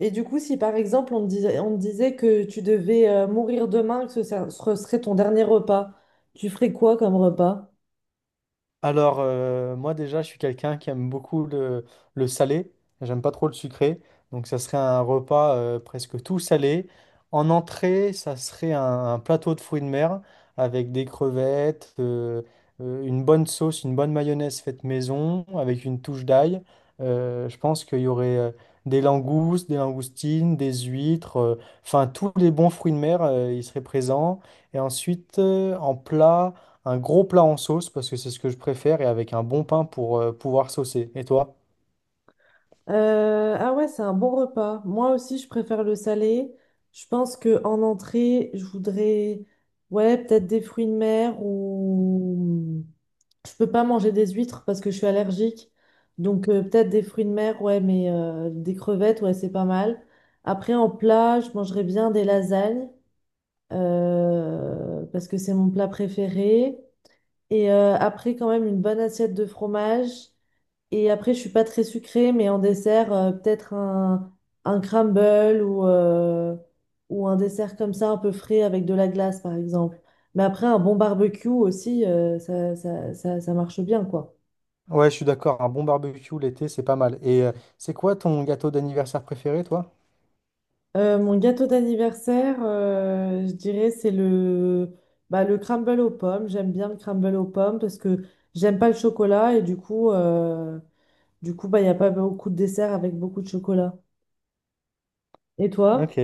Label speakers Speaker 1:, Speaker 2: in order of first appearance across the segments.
Speaker 1: Et du coup, si par exemple on te disait, que tu devais mourir demain, que ce serait ton dernier repas, tu ferais quoi comme repas?
Speaker 2: Moi déjà, je suis quelqu'un qui aime beaucoup le salé. J'aime pas trop le sucré. Donc, ça serait un repas presque tout salé. En entrée, ça serait un plateau de fruits de mer avec des crevettes, une bonne sauce, une bonne mayonnaise faite maison avec une touche d'ail. Je pense qu'il y aurait des langoustes, des langoustines, des huîtres, enfin, tous les bons fruits de mer, ils seraient présents. Et ensuite, en plat un gros plat en sauce parce que c'est ce que je préfère et avec un bon pain pour pouvoir saucer. Et toi?
Speaker 1: Ah ouais, c'est un bon repas. Moi aussi, je préfère le salé. Je pense que en entrée, je voudrais, ouais, peut-être des fruits de mer ou je peux pas manger des huîtres parce que je suis allergique. Donc peut-être des fruits de mer, ouais, mais des crevettes, ouais, c'est pas mal. Après, en plat, je mangerais bien des lasagnes, parce que c'est mon plat préféré. Et après, quand même, une bonne assiette de fromage. Et après, je suis pas très sucrée, mais en dessert, peut-être un crumble ou un dessert comme ça, un peu frais avec de la glace, par exemple. Mais après, un bon barbecue aussi, ça marche bien, quoi.
Speaker 2: Ouais, je suis d'accord, un bon barbecue l'été, c'est pas mal. Et c'est quoi ton gâteau d'anniversaire préféré, toi?
Speaker 1: Mon gâteau d'anniversaire, je dirais, c'est le, bah, le crumble aux pommes. J'aime bien le crumble aux pommes parce que j'aime pas le chocolat et du coup, bah, il n'y a pas beaucoup de desserts avec beaucoup de chocolat. Et toi?
Speaker 2: Ok.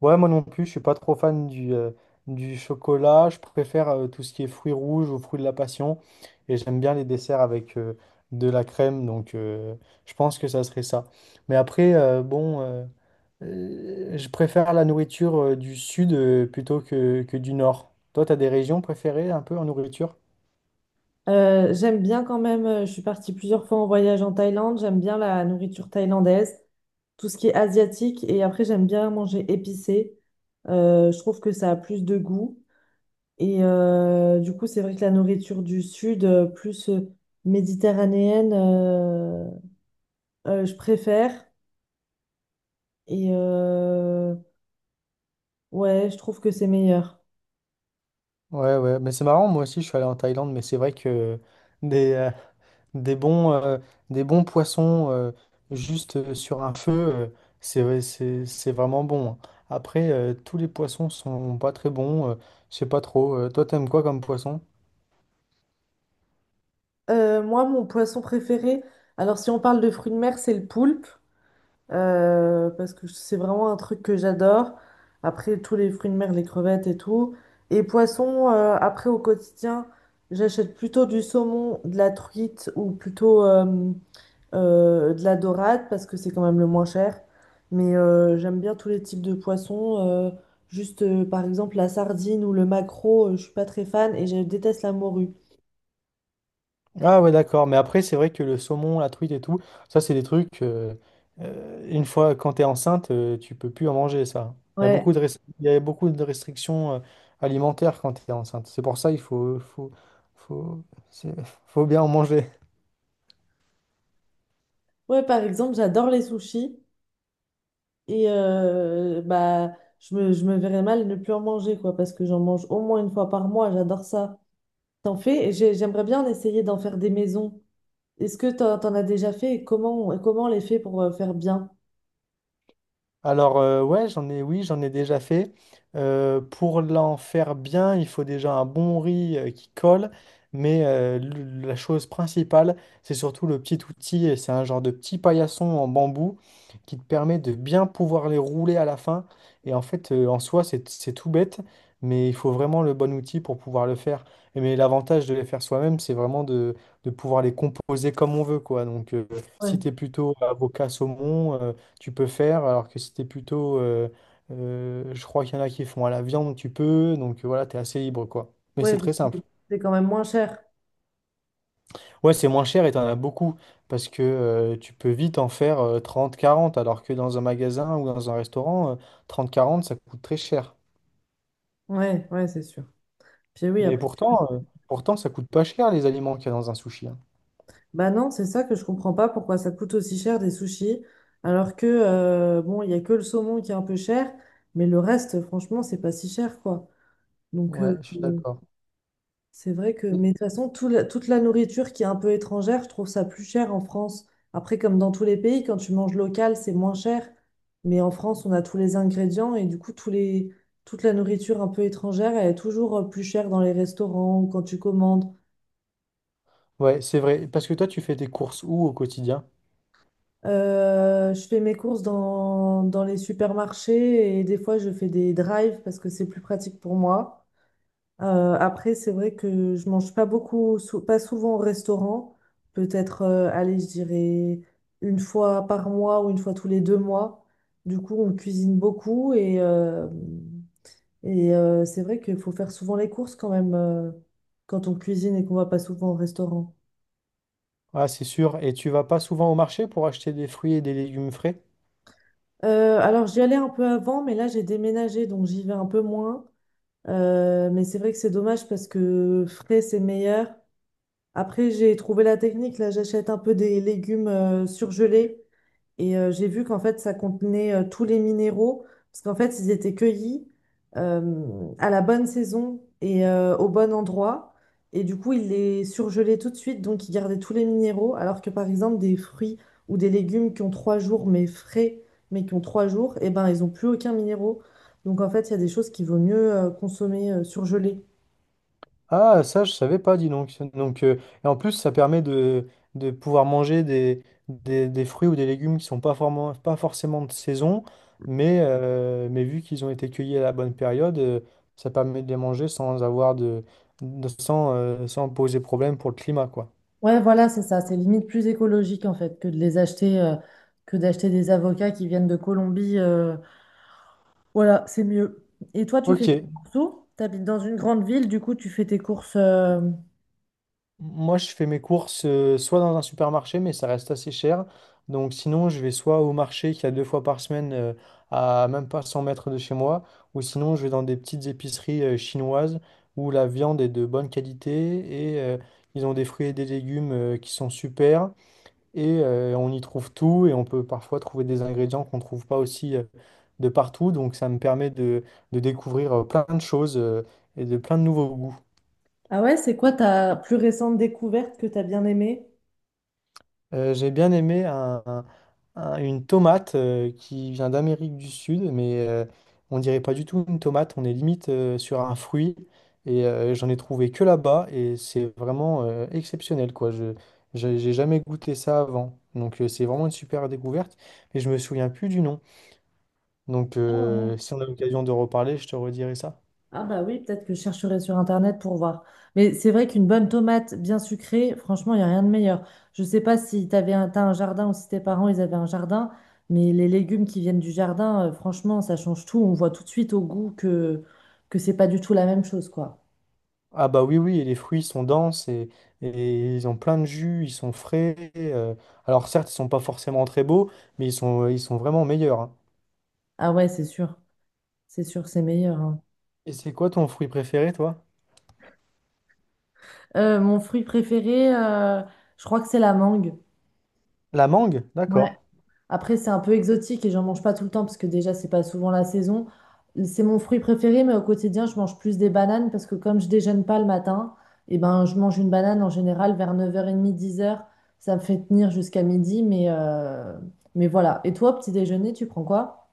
Speaker 2: Ouais, moi non plus, je suis pas trop fan du chocolat. Je préfère tout ce qui est fruits rouges ou fruits de la passion. Et j'aime bien les desserts avec de la crème, donc je pense que ça serait ça. Mais après, je préfère la nourriture du sud plutôt que du nord. Toi, t'as des régions préférées un peu en nourriture?
Speaker 1: J'aime bien quand même, je suis partie plusieurs fois en voyage en Thaïlande, j'aime bien la nourriture thaïlandaise, tout ce qui est asiatique et après, j'aime bien manger épicé. Je trouve que ça a plus de goût. Et du coup, c'est vrai que la nourriture du sud, plus méditerranéenne, je préfère. Et ouais, je trouve que c'est meilleur.
Speaker 2: Ouais, ouais, mais c'est marrant, moi aussi je suis allé en Thaïlande, mais c'est vrai que des, euh, des bons, euh, des bons poissons juste sur un feu, c'est vraiment bon, hein. Après, tous les poissons sont pas très bons, je sais pas trop. Toi, t'aimes quoi comme poisson?
Speaker 1: Moi, mon poisson préféré, alors si on parle de fruits de mer, c'est le poulpe, parce que c'est vraiment un truc que j'adore. Après, tous les fruits de mer, les crevettes et tout. Et poisson, après, au quotidien, j'achète plutôt du saumon, de la truite, ou plutôt de la dorade parce que c'est quand même le moins cher. Mais j'aime bien tous les types de poissons, juste par exemple la sardine ou le maquereau, je suis pas très fan et je déteste la morue.
Speaker 2: Ah ouais, d'accord. Mais après, c'est vrai que le saumon, la truite et tout, ça, c'est des trucs. Une fois, quand t'es enceinte, tu peux plus en manger ça. Il y a
Speaker 1: Ouais,
Speaker 2: il y a beaucoup de restrictions alimentaires quand t'es enceinte. C'est pour ça il faut, c'est- faut bien en manger.
Speaker 1: ouais, par exemple j'adore les sushis et bah je me verrais mal ne plus en manger quoi parce que j'en mange au moins une fois par mois. J'adore ça. T'en fais? Et j'aimerais bien essayer d'en faire des maisons. Est-ce que t'en as déjà fait et et comment on les fait pour faire bien?
Speaker 2: Oui, j'en ai déjà fait. Pour l'en faire bien, il faut déjà un bon riz qui colle, mais la chose principale, c'est surtout le petit outil, et c'est un genre de petit paillasson en bambou qui te permet de bien pouvoir les rouler à la fin. Et en fait, en soi, c'est tout bête, mais il faut vraiment le bon outil pour pouvoir le faire. Et mais l'avantage de les faire soi-même, c'est vraiment de pouvoir les composer comme on veut, quoi. Donc,
Speaker 1: Ouais,
Speaker 2: si t'es plutôt avocat saumon, tu peux faire, alors que si t'es plutôt, je crois qu'il y en a qui font à la viande, tu peux, donc voilà, t'es assez libre, quoi. Mais c'est
Speaker 1: ouais, parce
Speaker 2: très
Speaker 1: que
Speaker 2: simple.
Speaker 1: c'est quand même moins cher.
Speaker 2: Ouais, c'est moins cher et t'en as beaucoup, parce que tu peux vite en faire 30, 40, alors que dans un magasin ou dans un restaurant, 30, 40, ça coûte très cher.
Speaker 1: Ouais, ouais, c'est sûr. Puis oui,
Speaker 2: Mais
Speaker 1: après.
Speaker 2: pourtant, pourtant, ça coûte pas cher les aliments qu'il y a dans un sushi, hein.
Speaker 1: Bah non, c'est ça que je comprends pas pourquoi ça coûte aussi cher des sushis, alors que bon, il y a que le saumon qui est un peu cher, mais le reste, franchement, c'est pas si cher, quoi. Donc
Speaker 2: Ouais, je suis
Speaker 1: bon,
Speaker 2: d'accord.
Speaker 1: c'est vrai que, mais de toute façon, toute la nourriture qui est un peu étrangère, je trouve ça plus cher en France. Après, comme dans tous les pays, quand tu manges local, c'est moins cher. Mais en France, on a tous les ingrédients et du coup, toute la nourriture un peu étrangère, elle est toujours plus chère dans les restaurants ou quand tu commandes.
Speaker 2: Ouais, c'est vrai, parce que toi, tu fais tes courses où au quotidien?
Speaker 1: Je fais mes courses dans les supermarchés et des fois je fais des drives parce que c'est plus pratique pour moi. Après, c'est vrai que je mange pas beaucoup, pas souvent au restaurant. Peut-être, allez, je dirais une fois par mois ou une fois tous les deux mois. Du coup, on cuisine beaucoup et c'est vrai qu'il faut faire souvent les courses quand même quand on cuisine et qu'on va pas souvent au restaurant.
Speaker 2: Ah, c'est sûr, et tu vas pas souvent au marché pour acheter des fruits et des légumes frais?
Speaker 1: Alors, j'y allais un peu avant, mais là, j'ai déménagé donc j'y vais un peu moins. Mais c'est vrai que c'est dommage parce que frais, c'est meilleur. Après, j'ai trouvé la technique. Là, j'achète un peu des légumes surgelés. Et j'ai vu qu'en fait, ça contenait tous les minéraux, parce qu'en fait, ils étaient cueillis à la bonne saison et au bon endroit. Et du coup, ils les surgelaient tout de suite, donc ils gardaient tous les minéraux, alors que par exemple, des fruits ou des légumes qui ont trois jours, mais frais, mais qui ont trois jours, et ben, ils n'ont plus aucun minéraux. Donc en fait, il y a des choses qu'il vaut mieux consommer surgelées.
Speaker 2: Ah, ça, je savais pas, dis donc. Donc, et en plus, ça permet de pouvoir manger des fruits ou des légumes qui sont pas forcément de saison, mais vu qu'ils ont été cueillis à la bonne période, ça permet de les manger sans sans, sans poser problème pour le climat, quoi.
Speaker 1: Ouais, voilà, c'est ça. C'est limite plus écologique en fait que de les acheter, que d'acheter des avocats qui viennent de Colombie. Voilà, c'est mieux. Et toi, tu
Speaker 2: Ok.
Speaker 1: fais tes courses où? T'habites dans une grande ville, du coup, tu fais tes courses,
Speaker 2: Moi, je fais mes courses soit dans un supermarché, mais ça reste assez cher. Donc, sinon, je vais soit au marché qu'il y a deux fois par semaine à même pas 100 mètres de chez moi, ou sinon, je vais dans des petites épiceries chinoises où la viande est de bonne qualité et ils ont des fruits et des légumes qui sont super. Et on y trouve tout et on peut parfois trouver des ingrédients qu'on ne trouve pas aussi de partout. Donc, ça me permet de découvrir plein de choses et de plein de nouveaux goûts.
Speaker 1: ah ouais, c'est quoi ta plus récente découverte que t'as bien aimée?
Speaker 2: J'ai bien aimé une tomate qui vient d'Amérique du Sud, mais on dirait pas du tout une tomate, on est limite sur un fruit. Et j'en ai trouvé que là-bas, et c'est vraiment exceptionnel, quoi. Je, j'ai jamais goûté ça avant. Donc c'est vraiment une super découverte, mais je me souviens plus du nom. Donc
Speaker 1: Ah ouais.
Speaker 2: si on a l'occasion de reparler, je te redirai ça.
Speaker 1: Ah bah oui, peut-être que je chercherai sur Internet pour voir. Mais c'est vrai qu'une bonne tomate bien sucrée, franchement, il n'y a rien de meilleur. Je sais pas si t'as un jardin ou si tes parents, ils avaient un jardin, mais les légumes qui viennent du jardin, franchement, ça change tout. On voit tout de suite au goût que c'est pas du tout la même chose, quoi.
Speaker 2: Ah bah oui, oui, et les fruits sont denses et ils ont plein de jus, ils sont frais. Alors certes, ils sont pas forcément très beaux, mais ils ils sont vraiment meilleurs, hein.
Speaker 1: Ah ouais, c'est sûr. C'est sûr, c'est meilleur, hein.
Speaker 2: Et c'est quoi ton fruit préféré, toi?
Speaker 1: Mon fruit préféré, je crois que c'est la mangue.
Speaker 2: La mangue?
Speaker 1: Ouais.
Speaker 2: D'accord.
Speaker 1: Après, c'est un peu exotique et j'en mange pas tout le temps parce que déjà, c'est pas souvent la saison. C'est mon fruit préféré, mais au quotidien, je mange plus des bananes parce que comme je déjeune pas le matin, et ben, je mange une banane en général vers 9h30, dix heures. Ça me fait tenir jusqu'à midi, mais voilà. Et toi, petit déjeuner, tu prends quoi?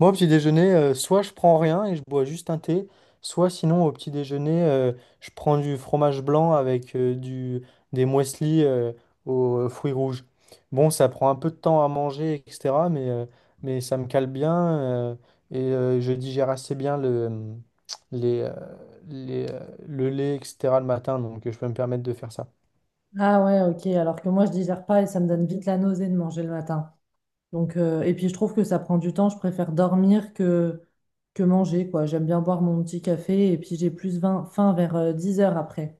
Speaker 2: Moi, au petit déjeuner, soit je prends rien et je bois juste un thé, soit sinon au petit déjeuner, je prends du fromage blanc avec des muesli aux fruits rouges. Bon, ça prend un peu de temps à manger, etc., mais ça me cale bien euh, et je digère assez bien les, euh, les, euh, le lait, etc., le matin, donc je peux me permettre de faire ça.
Speaker 1: Ah ouais, ok. Alors que moi, je digère pas et ça me donne vite la nausée de manger le matin. Donc, et puis je trouve que ça prend du temps. Je préfère dormir que manger, quoi. J'aime bien boire mon petit café et puis j'ai faim vers 10 heures après.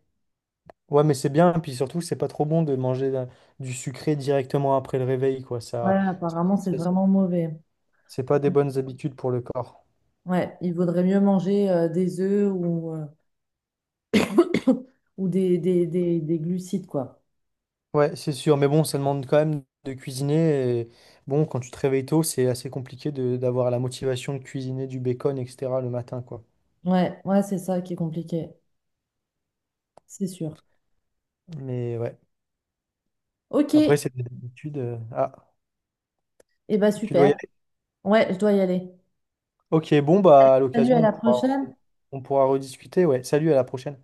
Speaker 2: Ouais, mais c'est bien, puis surtout, c'est pas trop bon de manger du sucré directement après le réveil, quoi.
Speaker 1: Ouais,
Speaker 2: Ça.
Speaker 1: apparemment, c'est vraiment mauvais.
Speaker 2: C'est pas des bonnes habitudes pour le corps.
Speaker 1: Ouais, il vaudrait mieux manger des œufs ou, ou des glucides, quoi.
Speaker 2: Ouais, c'est sûr, mais bon, ça demande quand même de cuisiner. Et bon, quand tu te réveilles tôt, c'est assez compliqué de d'avoir la motivation de cuisiner du bacon, etc. le matin, quoi.
Speaker 1: Ouais, ouais, c'est ça qui est compliqué, c'est sûr.
Speaker 2: Mais ouais.
Speaker 1: Ok,
Speaker 2: Après,
Speaker 1: et
Speaker 2: c'est des habitudes. Ah,
Speaker 1: bah
Speaker 2: tu dois y
Speaker 1: super.
Speaker 2: aller.
Speaker 1: Ouais, je dois y aller.
Speaker 2: Ok, bon, bah à
Speaker 1: Salut, à
Speaker 2: l'occasion,
Speaker 1: la prochaine.
Speaker 2: on pourra rediscuter. Ouais, salut, à la prochaine.